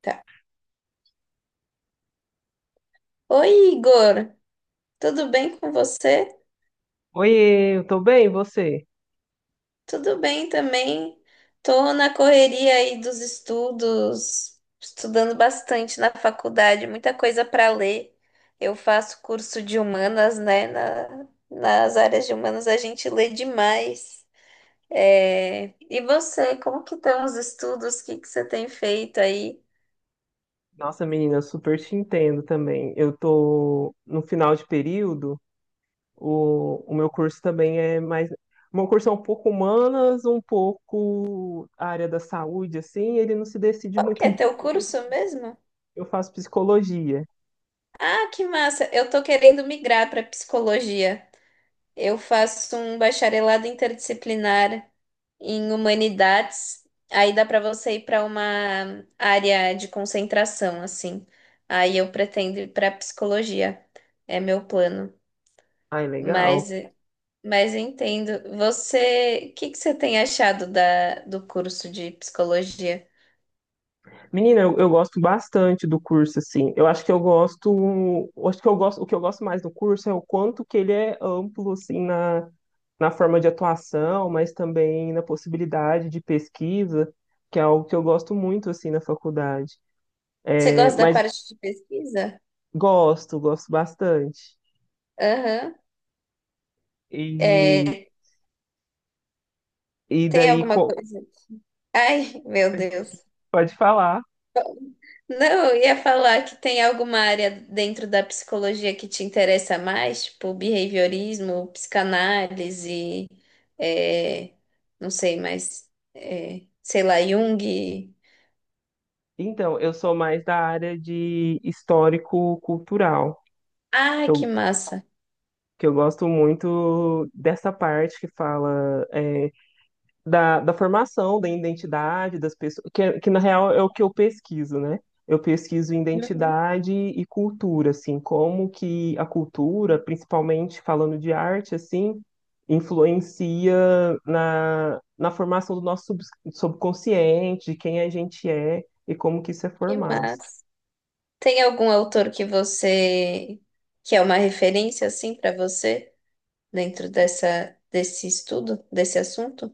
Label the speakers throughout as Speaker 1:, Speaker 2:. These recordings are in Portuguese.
Speaker 1: Tá. Oi, Igor, tudo bem com você?
Speaker 2: Oiê, eu tô bem, e você?
Speaker 1: Tudo bem também. Tô na correria aí dos estudos, estudando bastante na faculdade, muita coisa para ler. Eu faço curso de humanas, né? Nas áreas de humanas a gente lê demais. É, e você, como que estão os estudos? O que que você tem feito aí?
Speaker 2: Nossa, menina, eu super te entendo também. Eu tô no final de período, o meu curso também é mais. O meu curso é um pouco humanas, um pouco a área da saúde, assim, ele não se decide
Speaker 1: Qual que
Speaker 2: muito
Speaker 1: é teu
Speaker 2: bem.
Speaker 1: curso mesmo?
Speaker 2: Eu faço psicologia.
Speaker 1: Ah, que massa! Eu tô querendo migrar para psicologia. Eu faço um bacharelado interdisciplinar em humanidades. Aí dá para você ir para uma área de concentração, assim. Aí eu pretendo ir para psicologia. É meu plano.
Speaker 2: Ai, legal.
Speaker 1: Mas, mas eu entendo. Você, o que que você tem achado do curso de psicologia?
Speaker 2: Menina, eu gosto bastante do curso, assim. Eu acho que eu gosto, eu acho que eu gosto, o que eu gosto mais do curso é o quanto que ele é amplo, assim, na forma de atuação, mas também na possibilidade de pesquisa, que é algo que eu gosto muito, assim, na faculdade.
Speaker 1: Você
Speaker 2: É,
Speaker 1: gosta da
Speaker 2: mas
Speaker 1: parte de pesquisa?
Speaker 2: gosto, gosto bastante.
Speaker 1: Aham.
Speaker 2: E,
Speaker 1: É,
Speaker 2: e
Speaker 1: tem
Speaker 2: daí,
Speaker 1: alguma
Speaker 2: co-
Speaker 1: coisa? Ai, meu Deus.
Speaker 2: pode falar.
Speaker 1: Não, eu ia falar que tem alguma área dentro da psicologia que te interessa mais, tipo behaviorismo, psicanálise, é, não sei, mas sei lá, Jung.
Speaker 2: Então, eu sou mais da área de histórico-cultural.
Speaker 1: Ah, que massa!
Speaker 2: Que eu gosto muito dessa parte que fala da formação, da identidade das pessoas, que na real é o que eu pesquiso, né? Eu pesquiso
Speaker 1: Uhum.
Speaker 2: identidade e cultura, assim, como que a cultura, principalmente falando de arte, assim, influencia na formação do nosso subconsciente, de quem a gente é e como que isso é
Speaker 1: Que
Speaker 2: formado.
Speaker 1: massa! Tem algum autor que você que é uma referência assim para você dentro dessa desse estudo, desse assunto?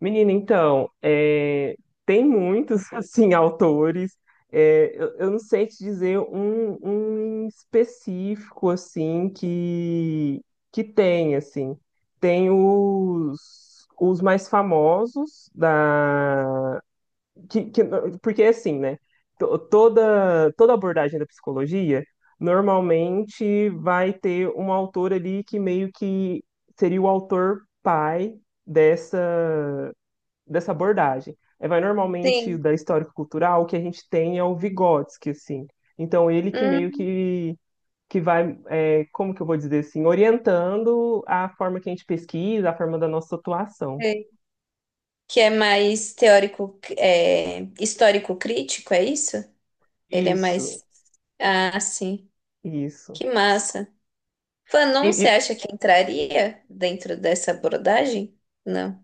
Speaker 2: Menina, então, tem muitos, assim, autores. É, eu não sei te dizer um em específico, assim, que tem, assim. Tem os mais famosos da... que- que- porque, assim, né? Toda, toda abordagem da psicologia normalmente vai ter um autor ali que meio que seria o autor pai dessa dessa abordagem. É, vai normalmente
Speaker 1: Sim.
Speaker 2: da histórico-cultural, o que a gente tem é o Vygotsky, assim. Então, ele que meio
Speaker 1: Hum,
Speaker 2: que vai, como que eu vou dizer assim, orientando a forma que a gente pesquisa, a forma da nossa atuação.
Speaker 1: é, que é mais teórico, é, histórico crítico, é isso? Ele é
Speaker 2: Isso,
Speaker 1: mais. Ah, sim.
Speaker 2: isso.
Speaker 1: Que massa. Fanon, você
Speaker 2: E,
Speaker 1: acha que entraria dentro dessa abordagem? Não.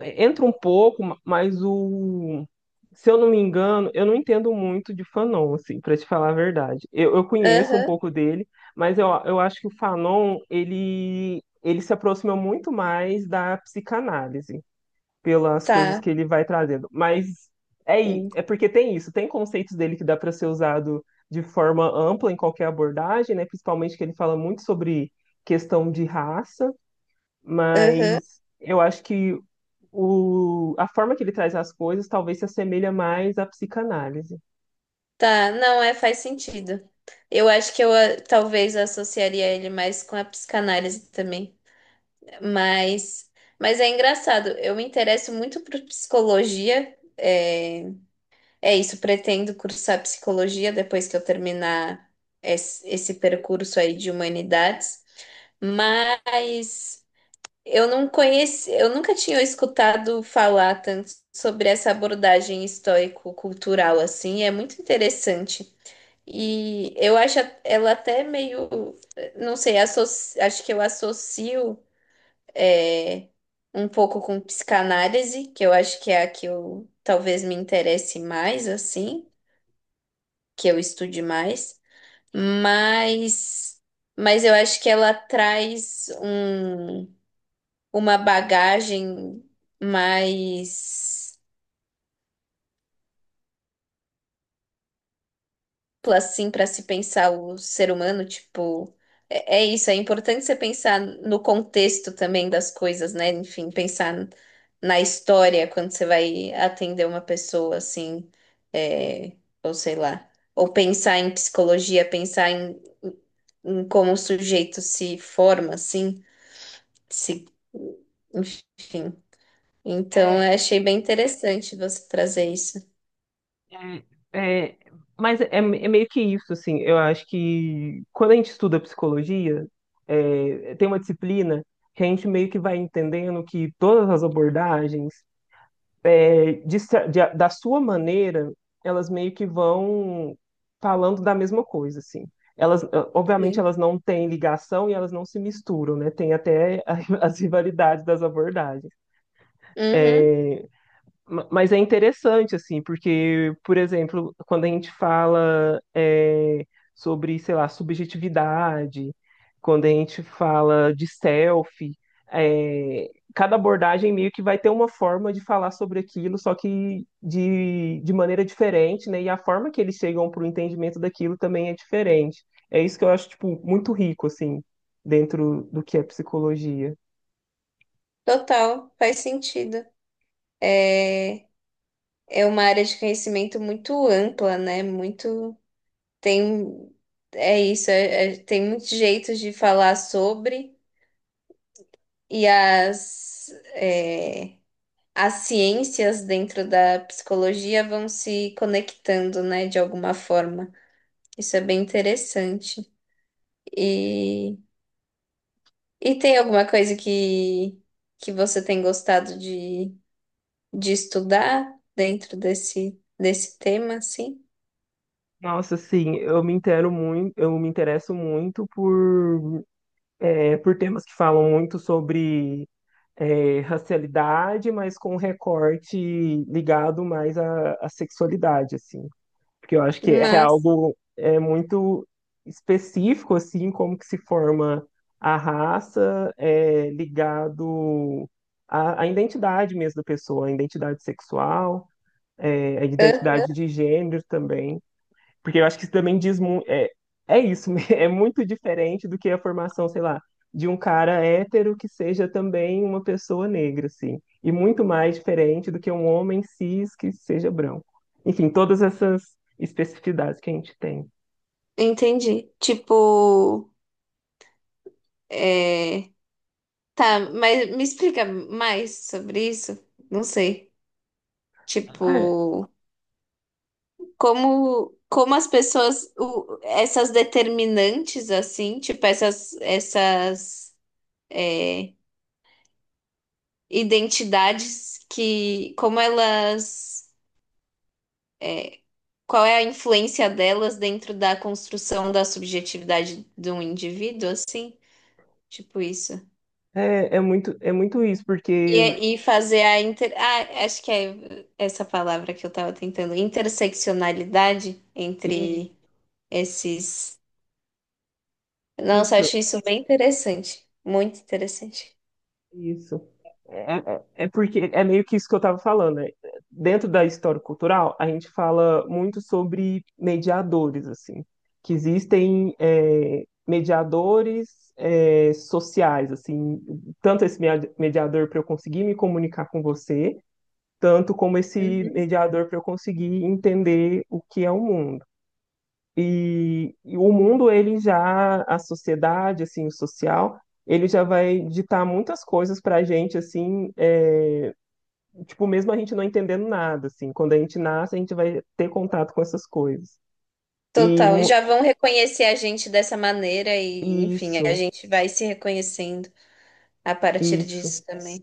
Speaker 2: É, entra um pouco, mas o. Se eu não me engano, eu não entendo muito de Fanon, assim, para te falar a verdade. Eu conheço um
Speaker 1: Aham,
Speaker 2: pouco dele, mas eu acho que o Fanon, ele se aproxima muito mais da psicanálise, pelas coisas
Speaker 1: tá.
Speaker 2: que ele vai trazendo. Mas
Speaker 1: Sim.
Speaker 2: é porque tem isso, tem conceitos dele que dá para ser usado de forma ampla em qualquer abordagem, né? Principalmente que ele fala muito sobre questão de raça,
Speaker 1: Aham,
Speaker 2: mas eu acho que a forma que ele traz as coisas talvez se assemelha mais à psicanálise.
Speaker 1: tá. Não, é, faz sentido. Eu acho que eu ah, talvez associaria ele mais com a psicanálise também. Mas, mas é engraçado, eu me interesso muito por psicologia. É isso, pretendo cursar psicologia depois que eu terminar esse percurso aí de humanidades, mas eu não conheci, eu nunca tinha escutado falar tanto sobre essa abordagem estoico-cultural assim, é muito interessante. E eu acho ela até meio, não sei, acho que eu associo é, um pouco com psicanálise, que eu acho que é a que eu talvez me interesse mais assim que eu estude mais, mas, mas eu acho que ela traz uma bagagem mais ampla, assim para se pensar o ser humano, tipo, é isso, é importante você pensar no contexto também das coisas, né? Enfim, pensar na história quando você vai atender uma pessoa assim, é, ou sei lá. Ou pensar em psicologia, pensar em como o sujeito se forma, assim. Se, enfim. Então,
Speaker 2: É,
Speaker 1: eu achei bem interessante você trazer isso.
Speaker 2: é, é, mas é meio que isso, assim. Eu acho que quando a gente estuda psicologia, tem uma disciplina que a gente meio que vai entendendo que todas as abordagens da sua maneira, elas meio que vão falando da mesma coisa, assim. Elas, obviamente,
Speaker 1: Sim.
Speaker 2: elas não têm ligação e elas não se misturam, né? Tem até as rivalidades das abordagens.
Speaker 1: Uhum,
Speaker 2: É, Mas é interessante, assim, porque, por exemplo, quando a gente fala sobre, sei lá, subjetividade, quando a gente fala de selfie, cada abordagem meio que vai ter uma forma de falar sobre aquilo, só que de maneira diferente, né? E a forma que eles chegam para o entendimento daquilo também é diferente. É isso que eu acho, tipo, muito rico, assim, dentro do que é psicologia.
Speaker 1: total, faz sentido. É, é uma área de conhecimento muito ampla, né? Muito tem é isso, tem muitos jeitos de falar sobre e as é, as ciências dentro da psicologia vão se conectando, né? De alguma forma. Isso é bem interessante. e E tem alguma coisa que você tem gostado de estudar dentro desse tema, assim?
Speaker 2: Nossa, sim, eu me interesso muito por por temas que falam muito sobre racialidade, mas com um recorte ligado mais à sexualidade, assim. Porque eu acho que é
Speaker 1: Mas,
Speaker 2: algo muito específico, assim, como que se forma a raça ligado à identidade mesmo da pessoa, à identidade sexual, à
Speaker 1: hã?
Speaker 2: identidade de gênero também. Porque eu acho que isso também diz muito. É, é isso, é muito diferente do que a formação, sei lá, de um cara hétero que seja também uma pessoa negra, assim. E muito mais diferente do que um homem cis que seja branco. Enfim, todas essas especificidades que a gente tem.
Speaker 1: Entendi. Tipo, é, tá, mas me explica mais sobre isso? Não sei.
Speaker 2: É,
Speaker 1: Tipo, como, como as pessoas, o- essas determinantes, assim, tipo, é, identidades que, como elas. É, qual é a influência delas dentro da construção da subjetividade de um indivíduo, assim? Tipo isso.
Speaker 2: é muito isso, porque.
Speaker 1: E fazer a inter... Ah, acho que é essa palavra que eu tava tentando. Interseccionalidade
Speaker 2: E
Speaker 1: entre esses... Nossa,
Speaker 2: isso,
Speaker 1: acho isso bem interessante. Muito interessante.
Speaker 2: isso. É porque é meio que isso que eu estava falando, né? Dentro da história cultural, a gente fala muito sobre mediadores, assim, que existem mediadores sociais, assim, tanto esse mediador para eu conseguir me comunicar com você, tanto como esse
Speaker 1: Uhum.
Speaker 2: mediador para eu conseguir entender o que é o mundo. E o mundo, ele já, a sociedade, assim, o social, ele já vai ditar muitas coisas para a gente, assim, tipo, mesmo a gente não entendendo nada, assim, quando a gente nasce, a gente vai ter contato com essas coisas. E
Speaker 1: Total.
Speaker 2: mu-
Speaker 1: Já vão reconhecer a gente dessa maneira e, enfim, a
Speaker 2: isso,
Speaker 1: gente vai se reconhecendo a partir
Speaker 2: isso,
Speaker 1: disso também.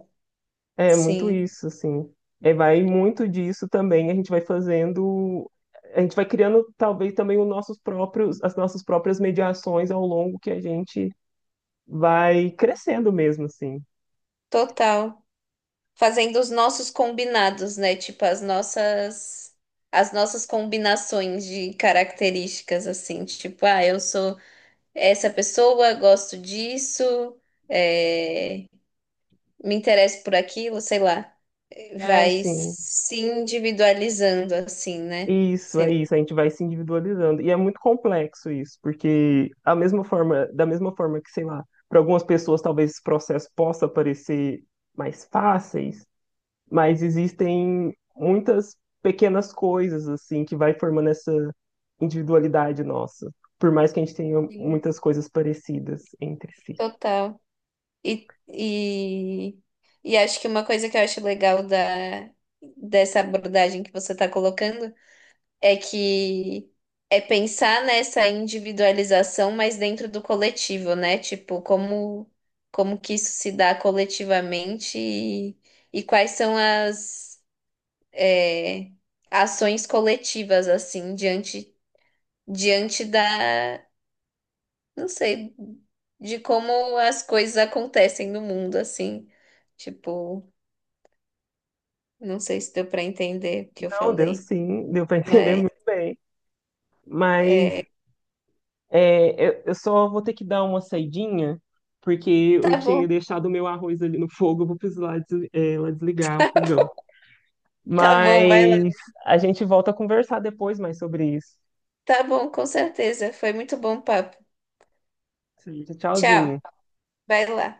Speaker 2: é muito
Speaker 1: Sim,
Speaker 2: isso, assim. É, vai muito disso também, a gente vai fazendo, a gente vai criando talvez também os nossos próprios, as nossas próprias mediações ao longo que a gente vai crescendo mesmo, assim.
Speaker 1: total, fazendo os nossos combinados, né? Tipo, as nossas combinações de características, assim, tipo, ah, eu sou essa pessoa, gosto disso, é, me interesso por aquilo, sei lá.
Speaker 2: É,
Speaker 1: Vai
Speaker 2: sim.
Speaker 1: se individualizando, assim, né?
Speaker 2: Isso,
Speaker 1: Sei
Speaker 2: é
Speaker 1: lá.
Speaker 2: isso. A gente vai se individualizando. E é muito complexo isso, porque a mesma forma, da mesma forma que, sei lá, para algumas pessoas talvez esse processo possa parecer mais fáceis, mas existem muitas pequenas coisas assim que vai formando essa individualidade nossa, por mais que a gente tenha
Speaker 1: Sim.
Speaker 2: muitas coisas parecidas entre si.
Speaker 1: Total. E, e, e acho que uma coisa que eu acho legal dessa abordagem que você está colocando é que é pensar nessa individualização, mas dentro do coletivo, né? Tipo, como como que isso se dá coletivamente e quais são as é, ações coletivas assim diante da, não sei, de como as coisas acontecem no mundo assim. Tipo, não sei se deu para entender o que eu
Speaker 2: Não, deu
Speaker 1: falei,
Speaker 2: sim, deu para
Speaker 1: uhum,
Speaker 2: entender
Speaker 1: mas
Speaker 2: muito bem, mas eu só vou ter que dar uma saidinha, porque eu
Speaker 1: tá bom,
Speaker 2: tinha deixado o meu arroz ali no fogo, eu vou precisar lá desligar o fogão.
Speaker 1: tá bom, vai lá.
Speaker 2: Mas a gente volta a conversar depois mais sobre isso.
Speaker 1: Tá bom, com certeza. Foi muito bom o papo.
Speaker 2: Sim.
Speaker 1: Tchau.
Speaker 2: Tchauzinho.
Speaker 1: Vai lá.